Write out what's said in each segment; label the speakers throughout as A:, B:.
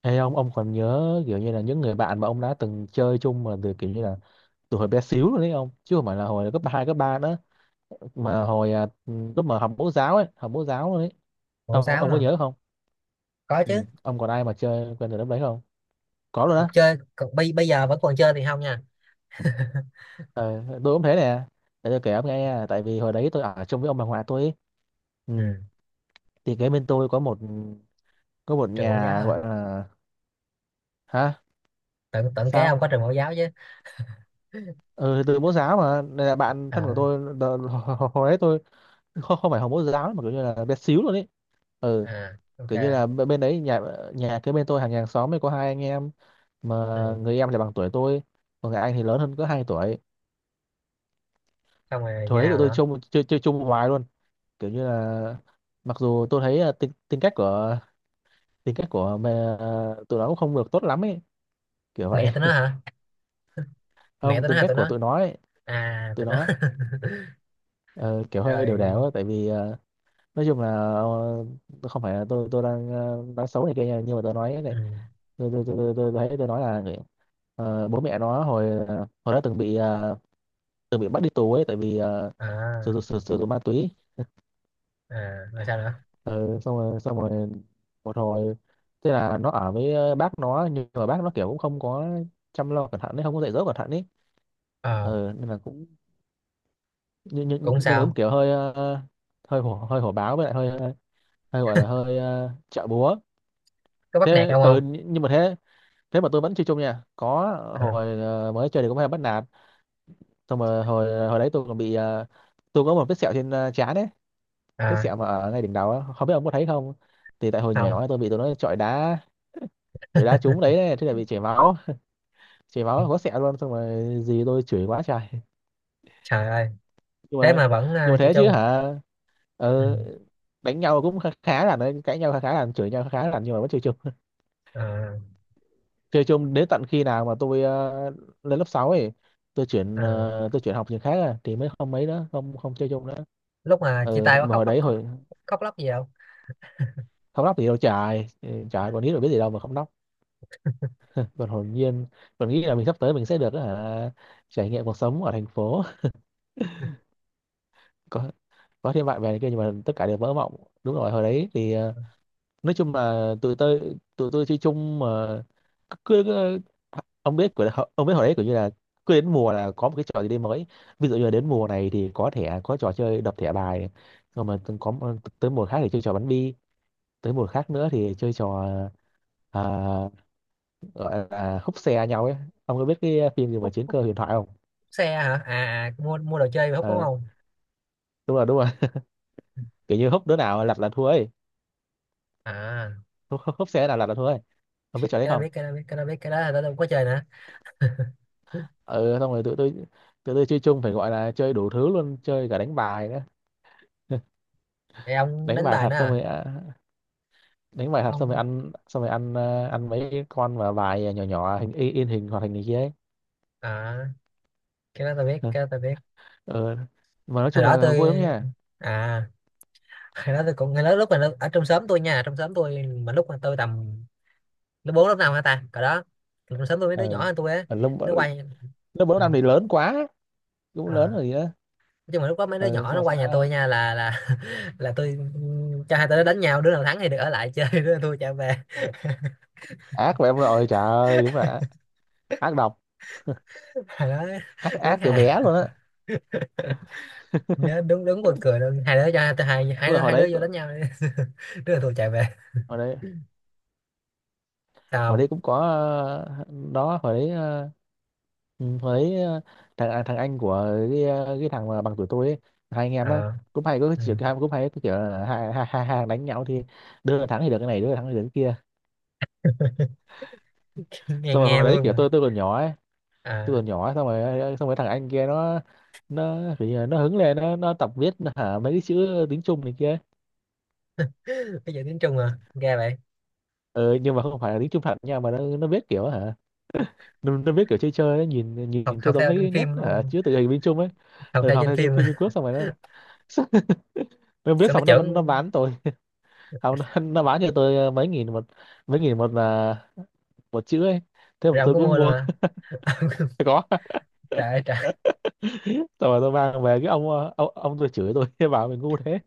A: Ê ông còn nhớ kiểu như là những người bạn mà ông đã từng chơi chung mà từ kiểu như là từ hồi bé xíu luôn đấy ông, chứ không phải là hồi cấp 2, cấp 3 nữa, mà hồi lúc mà học mẫu giáo ấy, học mẫu giáo luôn ấy.
B: Bộ
A: ông
B: sáu
A: ông có
B: hả?
A: nhớ không?
B: Có
A: Ừ.
B: chứ.
A: Ông còn ai mà chơi quen từ lúc đấy không? Có luôn
B: Còn
A: á.
B: chơi còn bây bây giờ vẫn còn chơi thì không nha.
A: Ờ, tôi cũng thế nè. Để tôi kể ông nghe nha, tại vì hồi đấy tôi ở chung với ông bà ngoại tôi ấy. Ừ.
B: Ừ.
A: Thì kế bên tôi có một, có một
B: Trường mẫu giáo
A: nhà gọi
B: à?
A: là Hả?
B: Tận tận kế
A: Sao?
B: ông có trường mẫu giáo chứ?
A: Ừ, thì từ mẫu giáo mà nên là bạn thân của
B: à,
A: tôi hồi đấy tôi không không phải hồng mẫu giáo, mà kiểu như là bé xíu luôn ấy. Ừ.
B: à,
A: Kiểu
B: OK.
A: như là bên đấy nhà, nhà cái bên tôi, hàng hàng xóm ấy, có hai anh em mà,
B: Ừ.
A: người em thì bằng tuổi tôi, còn người anh thì lớn hơn có hai tuổi.
B: Xong rồi như
A: Hồi đấy tụi
B: nào
A: tôi
B: nữa?
A: chung chơi chơi chung hoài luôn. Kiểu như là, mặc dù tôi thấy là tính tính cách của mẹ, tụi nó cũng không được tốt lắm ấy, kiểu vậy.
B: Mẹ tụi nó hả? Mẹ
A: Không,
B: tụi nó
A: tính
B: hả?
A: cách
B: Tụi
A: của
B: nó,
A: tụi nó ấy,
B: à
A: tụi
B: tụi nó.
A: nó ờ, kiểu hơi
B: Rồi.
A: đều đều ấy, tại vì nói chung là, không phải là tôi đang nói xấu này kia nha, nhưng mà tôi nói
B: Ừ.
A: này, tôi, thấy tôi nói là người, bố mẹ nó hồi hồi đó từng bị từng bị bắt đi tù ấy, tại vì
B: à,
A: sử dụng ma túy.
B: à, rồi sao nữa?
A: Ờ, xong rồi, một hồi, thế là nó ở với bác nó, nhưng mà bác nó kiểu cũng không có chăm lo cẩn thận ấy, không có dạy dỗ cẩn thận ấy.
B: ờ
A: Ờ, nên là cũng, nên, nên
B: cũng
A: nên là cũng
B: sao?
A: kiểu hơi hơi hổ báo, với lại hơi hơi gọi là hơi chợ búa.
B: Có bắt nạt
A: Thế
B: ông không?
A: ừ, nhưng mà thế, thế mà tôi vẫn chơi chung nha. Có,
B: à,
A: hồi mới chơi thì cũng hay bắt nạt, xong rồi hồi hồi đấy tôi còn bị tôi có một vết sẹo trên trán ấy. Vết
B: à
A: sẹo mà ở ngay đỉnh đầu á, không biết ông có thấy không? Thì tại hồi
B: không.
A: nhỏ tôi bị tụi nó chọi đá, chọi đá trúng đấy này, thế là bị chảy máu, chảy máu có sẹo luôn, xong rồi gì tôi chửi quá trời.
B: Trời ơi.
A: Nhưng
B: Thế
A: mà,
B: mà vẫn
A: nhưng mà
B: chơi
A: thế chứ
B: chung.
A: hả.
B: Ừ.
A: Ờ, đánh nhau cũng khá, khá là đấy, cãi nhau khá khá là, chửi nhau khá khá là, nhưng mà vẫn chơi chung.
B: à,
A: Chơi chung đến tận khi nào mà tôi lên lớp 6 ấy, tôi chuyển
B: à.
A: tôi chuyển học trường khác, thì mới không mấy đó, không không chơi chung nữa.
B: Lúc mà chia
A: Ừ,
B: tay có
A: mà
B: khóc
A: hồi
B: khóc
A: đấy
B: khóc, khóc lóc gì không?
A: không đốc thì đâu trời, trời còn biết, rồi biết gì đâu mà không đốc, còn hồn nhiên, còn nghĩ là mình sắp tới mình sẽ được trải nghiệm cuộc sống ở thành phố.
B: Ừ.
A: có có thêm bạn bè này kia, nhưng mà tất cả đều vỡ mộng. Đúng rồi, hồi đấy thì nói chung là tụi tôi chơi chung mà, cứ, ông biết của ông biết hồi đấy kiểu như là cứ đến mùa là có một cái trò gì đấy mới. Ví dụ như là đến mùa này thì có thẻ, có trò chơi đập thẻ bài rồi, mà từng có tới mùa khác thì chơi trò bắn bi, tới mùa khác nữa thì chơi trò à, gọi là húp xe nhau ấy. Ông có biết cái phim gì mà
B: Hút
A: Chiến Cơ Huyền Thoại không?
B: xe hả? À, mua mua đồ chơi mà hút đúng
A: Ờ,
B: không?
A: đúng rồi, đúng rồi. Kiểu như húp đứa nào lật là thua ấy,
B: À,
A: húp xe nào lật là thua ấy. Ông biết trò đấy
B: cái đó
A: không?
B: biết, cái đó biết, cái đó biết, cái đó là tao đâu có chơi nữa. Ừ.
A: Ừ, xong rồi tụi tôi chơi chung phải gọi là chơi đủ thứ luôn, chơi cả đánh bài nữa.
B: Thì ông
A: Đánh
B: đánh
A: bài
B: bài nữa
A: thật, xong
B: à?
A: rồi đánh bài thật xong rồi
B: Ông.
A: ăn, xong rồi ăn ăn mấy con mà bài nhỏ nhỏ hình in hình hoạt hình này kia ấy.
B: À, cái đó tao biết, cái đó tao biết.
A: Ờ, mà nói
B: Hồi
A: chung
B: đó
A: là
B: tôi,
A: vui lắm nha.
B: à, hồi đó tôi cũng, hồi đó lúc mà ở trong xóm tôi nha, trong xóm tôi, mà lúc mà tôi tầm lớp bốn lớp năm hả ta, cỡ đó. Trong xóm tôi mấy đứa nhỏ
A: Ờ,
B: hơn tôi á,
A: ở lớp,
B: nó quay.
A: lớp bốn
B: Ừ.
A: năm thì lớn quá, cũng
B: À,
A: lớn rồi gì nữa.
B: nhưng mà lúc đó mấy đứa
A: Ờ, xong
B: nhỏ nó
A: rồi
B: qua
A: sao nữa
B: nhà tôi
A: không?
B: nha, là là tôi, cho hai tụi nó đánh nhau, đứa nào thắng thì được ở lại chơi, đứa nào thua trả về.
A: Ác của em rồi, trời ơi đúng là ác độc,
B: Hồi đó
A: ác
B: đúng
A: ác từ
B: hà.
A: bé luôn á.
B: Nhớ, đúng đúng buồn cười luôn hai đứa. Cho hai hai
A: Đúng rồi, hồi
B: hai
A: đấy,
B: đứa vô đánh nhau đi. Đứa nào thua chạy về.
A: hồi đấy hồi
B: Sao?
A: đấy cũng có ờ, đó, hồi đấy ừ, hồi đấy thằng anh của cái, cái thằng mà bằng tuổi tôi ấy, hai anh em á,
B: Ờ,
A: cũng hay có cái
B: ừ.
A: kiểu, cũng hay có kiểu là hai hai hai hàng đánh nhau thì đứa là thắng thì được cái này, đứa là thắng thì được cái kia.
B: nghe
A: Xong rồi
B: nghe
A: hồi đấy
B: vui
A: kiểu
B: mà.
A: tôi còn nhỏ ấy, tôi
B: À,
A: còn nhỏ ấy, xong rồi xong rồi thằng anh kia nó kiểu như là nó hứng lên nó tập viết hả mấy cái chữ tiếng Trung này kia.
B: bây giờ tiếng Trung à, ra vậy?
A: Ừ, nhưng mà không phải là tiếng Trung thật nha, mà nó viết kiểu hả, nó biết kiểu chơi chơi ấy, nhìn
B: học
A: nhìn cho
B: học
A: giống
B: theo trên
A: mấy nét
B: phim đúng
A: ở
B: không?
A: chữ tự hình bên Trung ấy.
B: Học
A: Rồi
B: theo
A: học
B: trên
A: theo phim
B: phim
A: phim Trung Quốc,
B: à.
A: xong rồi nó, nó biết,
B: Xong nó
A: xong nó
B: chưởng.
A: nó bán tôi học nó bán cho tôi mấy nghìn một, mấy nghìn một là một chữ ấy. Thế mà
B: Rồi ông
A: tôi
B: có
A: cũng
B: mua luôn
A: mua.
B: hả?
A: Có,
B: Trời ơi trời.
A: xong rồi tôi mang về cái ông ông tôi chửi tôi, bảo mình ngu thế.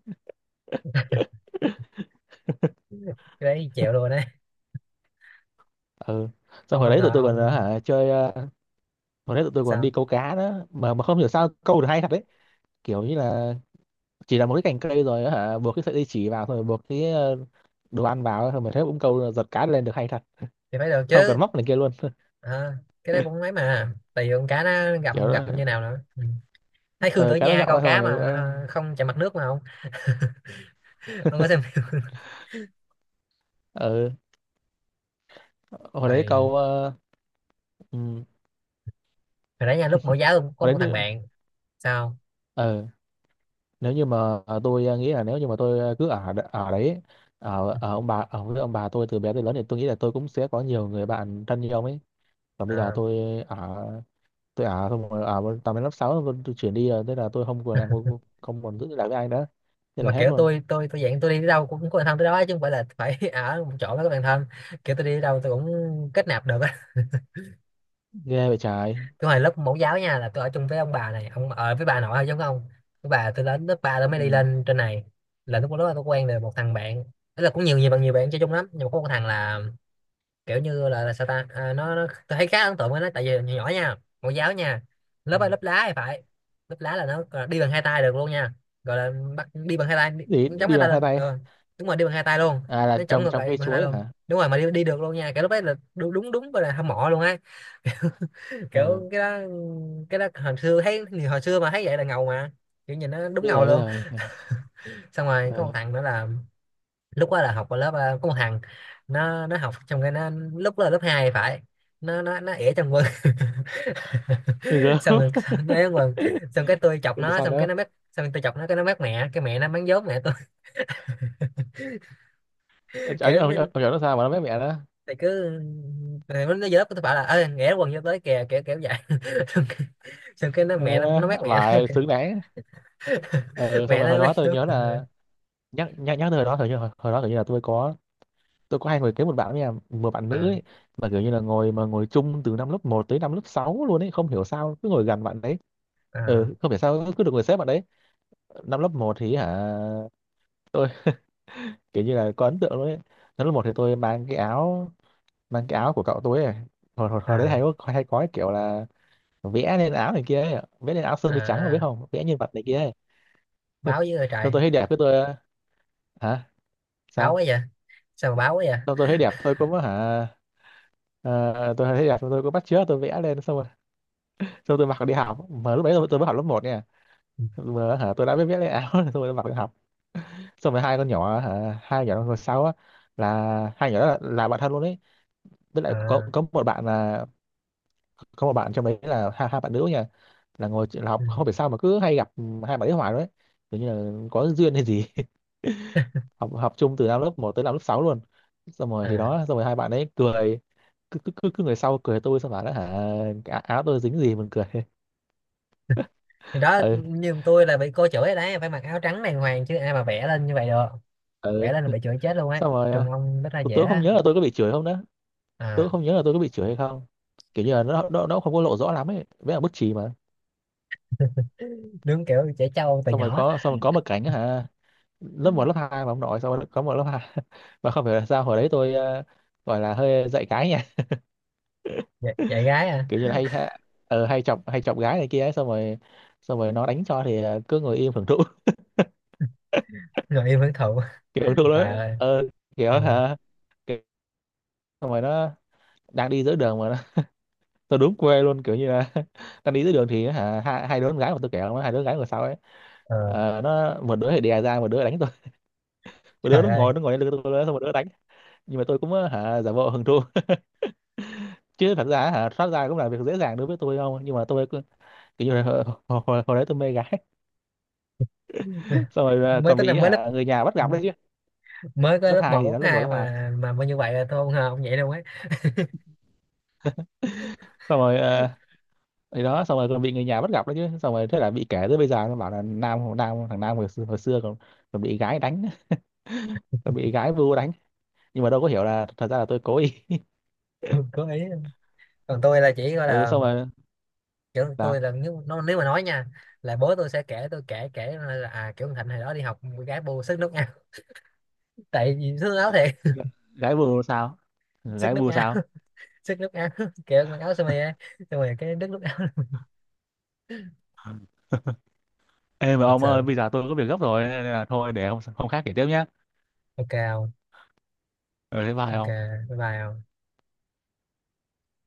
B: Cái đấy chẹo luôn đấy.
A: Ừ, xong
B: không
A: hồi
B: không
A: đấy
B: ngờ
A: tụi tôi còn
B: ông.
A: hả chơi hồi đấy tụi tôi còn đi
B: Sao?
A: câu cá đó mà không hiểu sao câu được hay thật đấy. Kiểu như là chỉ là một cái cành cây rồi á, hả buộc cái sợi dây chỉ vào, xong rồi buộc cái đồ ăn vào, xong rồi thấy cũng câu giật cá lên được hay thật,
B: Thì phải được
A: không
B: chứ.
A: cần móc này kia luôn,
B: Ờ, cái đó cũng ấy mà tại vì con cá nó
A: kiểu
B: gặm gặm
A: đó.
B: như nào nữa, ừ. Thấy Khương Tử
A: Ờ, cá nó
B: Nha
A: gặm
B: câu
A: ra xong
B: cá mà
A: rồi
B: không chạm mặt nước mà, không. Không có xem phim.
A: ờ, hồi đấy
B: Rồi.
A: câu ừ,
B: Hồi nãy nha, lúc mẫu giáo tôi có
A: hồi
B: một thằng
A: đấy
B: bạn. Sao?
A: ờ, nếu như mà tôi nghĩ là nếu như mà tôi cứ ở ở đấy, ở ông bà, ở với ông bà tôi từ bé tới lớn, thì tôi nghĩ là tôi cũng sẽ có nhiều người bạn thân như ông ấy. Còn bây giờ
B: Ờ,
A: tôi ở, tôi ở xong rồi ở tầm đến lớp 6 tôi chuyển đi rồi, thế là tôi không còn, không còn giữ lại với ai nữa, thế là
B: mà
A: hết
B: kiểu
A: luôn.
B: tôi dạng tôi đi tới đâu cũng có bạn thân tới đó, chứ không phải là phải ở một chỗ đó có bạn thân. Kiểu tôi đi tới đâu tôi cũng kết nạp được á.
A: Ghê vậy trời.
B: Tôi hồi lớp mẫu giáo nha là tôi ở chung với ông bà, này ông ở với bà nội thôi, giống không? Với bà tôi đến lớp ba tôi mới
A: Ừ.
B: đi lên trên này. Là lúc đó tôi quen được một thằng bạn. Tức là cũng nhiều nhiều bạn chơi chung lắm, nhưng mà có một thằng là kiểu như là sao ta, à, nó tôi thấy khá ấn tượng với nó, tại vì nhỏ nhỏ nha, mẫu giáo nha,
A: Ừ.
B: lớp A, lớp lá thì phải. Lớp lá là nó gọi là đi bằng hai tay được luôn nha. Gọi là bắt đi bằng hai tay,
A: Đi
B: cũng chống
A: đi
B: hai tay
A: bằng hai
B: lên,
A: tay.
B: đúng rồi đi bằng hai tay luôn.
A: À, là
B: Nó chống
A: trong,
B: ngược
A: trong
B: lại đi
A: cây
B: bằng hai tay
A: chuối
B: luôn,
A: hả?
B: đúng rồi mà đi được luôn nha, kiểu lúc đấy là đúng đúng đúng, gọi là hâm mộ luôn á.
A: Ờ,
B: Kiểu cái đó, cái đó hồi xưa thấy, hồi xưa mà thấy vậy là ngầu mà, kiểu nhìn nó đúng
A: biết
B: ngầu
A: rồi, biết
B: luôn.
A: rồi.
B: Xong rồi có một
A: Ờ,
B: thằng nữa là lúc đó là học ở lớp, có một thằng, nó học trong cái, nó lúc đó là lớp 2 phải. Nó ỉa trong quân.
A: ghê gớm.
B: Xong rồi nó ỉa trong quân. Xong cái tôi chọc
A: Rồi
B: nó,
A: sao
B: xong cái
A: nữa?
B: nó mét, xong tôi chọc nó cái nó mét mẹ, cái mẹ nó mắng vốn mẹ tôi.
A: Ờ, ông
B: Kiểu
A: ông ông nhỏ nó sao mà nó với mẹ đó?
B: thì cứ nó vô lớp, tôi bảo là ơi ỉa quần vô tới kìa, kiểu kiểu vậy. Xong, xong cái nó
A: Ờ,
B: mẹ nó mét mẹ nó.
A: bà xứng đáng. Ừ, xong
B: Mẹ
A: rồi hồi
B: nó mét
A: đó tôi
B: vốn.
A: nhớ là, nhắc nhắc nhắc tới hồi đó, thời như hồi đó kiểu như là tôi có, tôi có hay ngồi kế một bạn nha, một bạn nữ
B: À,
A: ấy, mà kiểu như là ngồi, mà ngồi chung từ năm lớp một tới năm lớp 6 luôn ấy, không hiểu sao cứ ngồi gần bạn đấy.
B: à,
A: Ừ, không hiểu sao cứ được người xếp bạn đấy. Năm lớp một thì hả, tôi kiểu như là có ấn tượng luôn ấy. Tháng lớp một thì tôi mang cái áo, mang cái áo của cậu tôi ấy. Hồi hồi, hồi đấy
B: à,
A: hay có, hay có cái kiểu là vẽ lên áo này kia ấy, vẽ lên áo sơ mi trắng, không biết,
B: à,
A: không vẽ nhân vật này kia ấy.
B: báo với ơi
A: Xong
B: trời.
A: tôi thấy đẹp cái tôi, hả?
B: Báo
A: Sao?
B: quá vậy. Sao mà báo quá vậy?
A: Xong tôi thấy đẹp tôi cũng hả, ờ, tôi thấy đẹp xong tôi cũng bắt chước, tôi vẽ lên, xong rồi xong tôi mặc đi học. Mà lúc đấy tôi mới học lớp một nha, mà hả tôi đã biết vẽ lên áo. Xong rồi tôi mặc đi học, xong rồi hai con nhỏ hả, hai nhỏ ngồi sau á, là hai nhỏ đó là bạn thân luôn đấy. Với lại có
B: À.
A: có một bạn là có một bạn trong đấy là hai bạn nữ nha, là ngồi, là
B: Ừ.
A: học không phải, sao mà cứ hay gặp hai bạn ấy hoài đấy, kiểu như là có duyên hay gì. Học, học chung từ năm lớp một tới năm lớp 6 luôn, xong rồi thì
B: À,
A: đó, xong rồi hai bạn ấy cười. Cứ người sau cười tôi xong bảo đó hả, cái áo tôi dính gì mình cười.
B: thì đó
A: Ừ.
B: như tôi là bị cô chửi rồi đấy, phải mặc áo trắng đàng hoàng chứ ai mà vẽ lên như vậy được.
A: Ừ,
B: Vẽ lên là bị chửi chết luôn ấy.
A: xong rồi
B: Trường ông rất là dễ.
A: tôi không nhớ là tôi có bị chửi không đó,
B: À.
A: tôi không nhớ là tôi có bị chửi hay không, kiểu như là nó không có lộ rõ lắm ấy, với là bút chì mà.
B: Đứng kiểu trẻ trâu từ
A: Xong rồi
B: nhỏ.
A: có, xong rồi có một cảnh á hả, lớp một lớp 2 mà ông nội sau đó có một lớp hai. Mà không phải là sao, hồi đấy tôi gọi là hơi dạy cái nha.
B: Dạy gái à?
A: Kiểu như là hay hay, hay chọc gái này kia ấy, xong rồi, xong rồi nó đánh cho thì cứ ngồi im hưởng thụ.
B: Ngồi im hưởng thụ.
A: Kiểu hưởng thụ đó.
B: Trời ơi.
A: Ờ, kiểu
B: Ừ.
A: hả, kiểu, xong rồi nó đang đi giữa đường mà nó, tôi đúng quê luôn kiểu như là, đang đi giữa đường thì hả hai đứa con gái mà tôi kẹo nó, hai đứa con gái ngồi sau ấy,
B: ờ,
A: ờ, nó một đứa thì đè ra, một đứa đánh tôi. Một đứa
B: trời
A: nó
B: ơi.
A: ngồi, lên lưng tôi xong một đứa đánh. Nhưng mà tôi cũng hả giả bộ hưởng thụ, chứ thật ra hả thoát ra cũng là việc dễ dàng đối với tôi không, nhưng mà tôi cứ kiểu như là hồi đấy tôi mê gái. Xong rồi
B: Mới
A: còn
B: tính là
A: bị
B: mới lớp,
A: hả người nhà bắt gặp đấy chứ.
B: mới có
A: Lớp
B: lớp một
A: hai thì
B: lớp
A: đó, lớp một
B: 2
A: lớp hai,
B: mà như vậy là tôi không ngờ ông vậy đâu ấy.
A: xong rồi thì đó xong rồi còn bị người nhà bắt gặp đấy chứ, xong rồi thế là bị kể tới bây giờ. Nó bảo là nam nam thằng Nam hồi xưa còn, còn bị gái đánh, còn bị gái vu đánh, nhưng mà đâu có hiểu là thật ra là tôi cố ý.
B: Cố ý. Còn tôi là chỉ gọi
A: Ừ,
B: là
A: xong rồi
B: kiểu
A: sao?
B: tôi là nếu nếu mà nói nha là bố tôi sẽ kể, tôi kể kể là à, kiểu thằng Thịnh hồi đó đi học con gái bu sức nước. Tại vì sức áo thiệt.
A: Gái vu sao? Ừ,
B: Sức
A: gái
B: nước
A: vu
B: áo.
A: sao?
B: Sức nước áo, kiểu mặc áo sơ mi á xong rồi cái đứt nước áo.
A: Ê mà
B: Thật
A: ông
B: sự.
A: ơi, bây giờ tôi có việc gấp rồi, nên là thôi để hôm khác kể tiếp nhé.
B: OK không?
A: Ừ, thế bye
B: OK.
A: ông.
B: Bye bye không?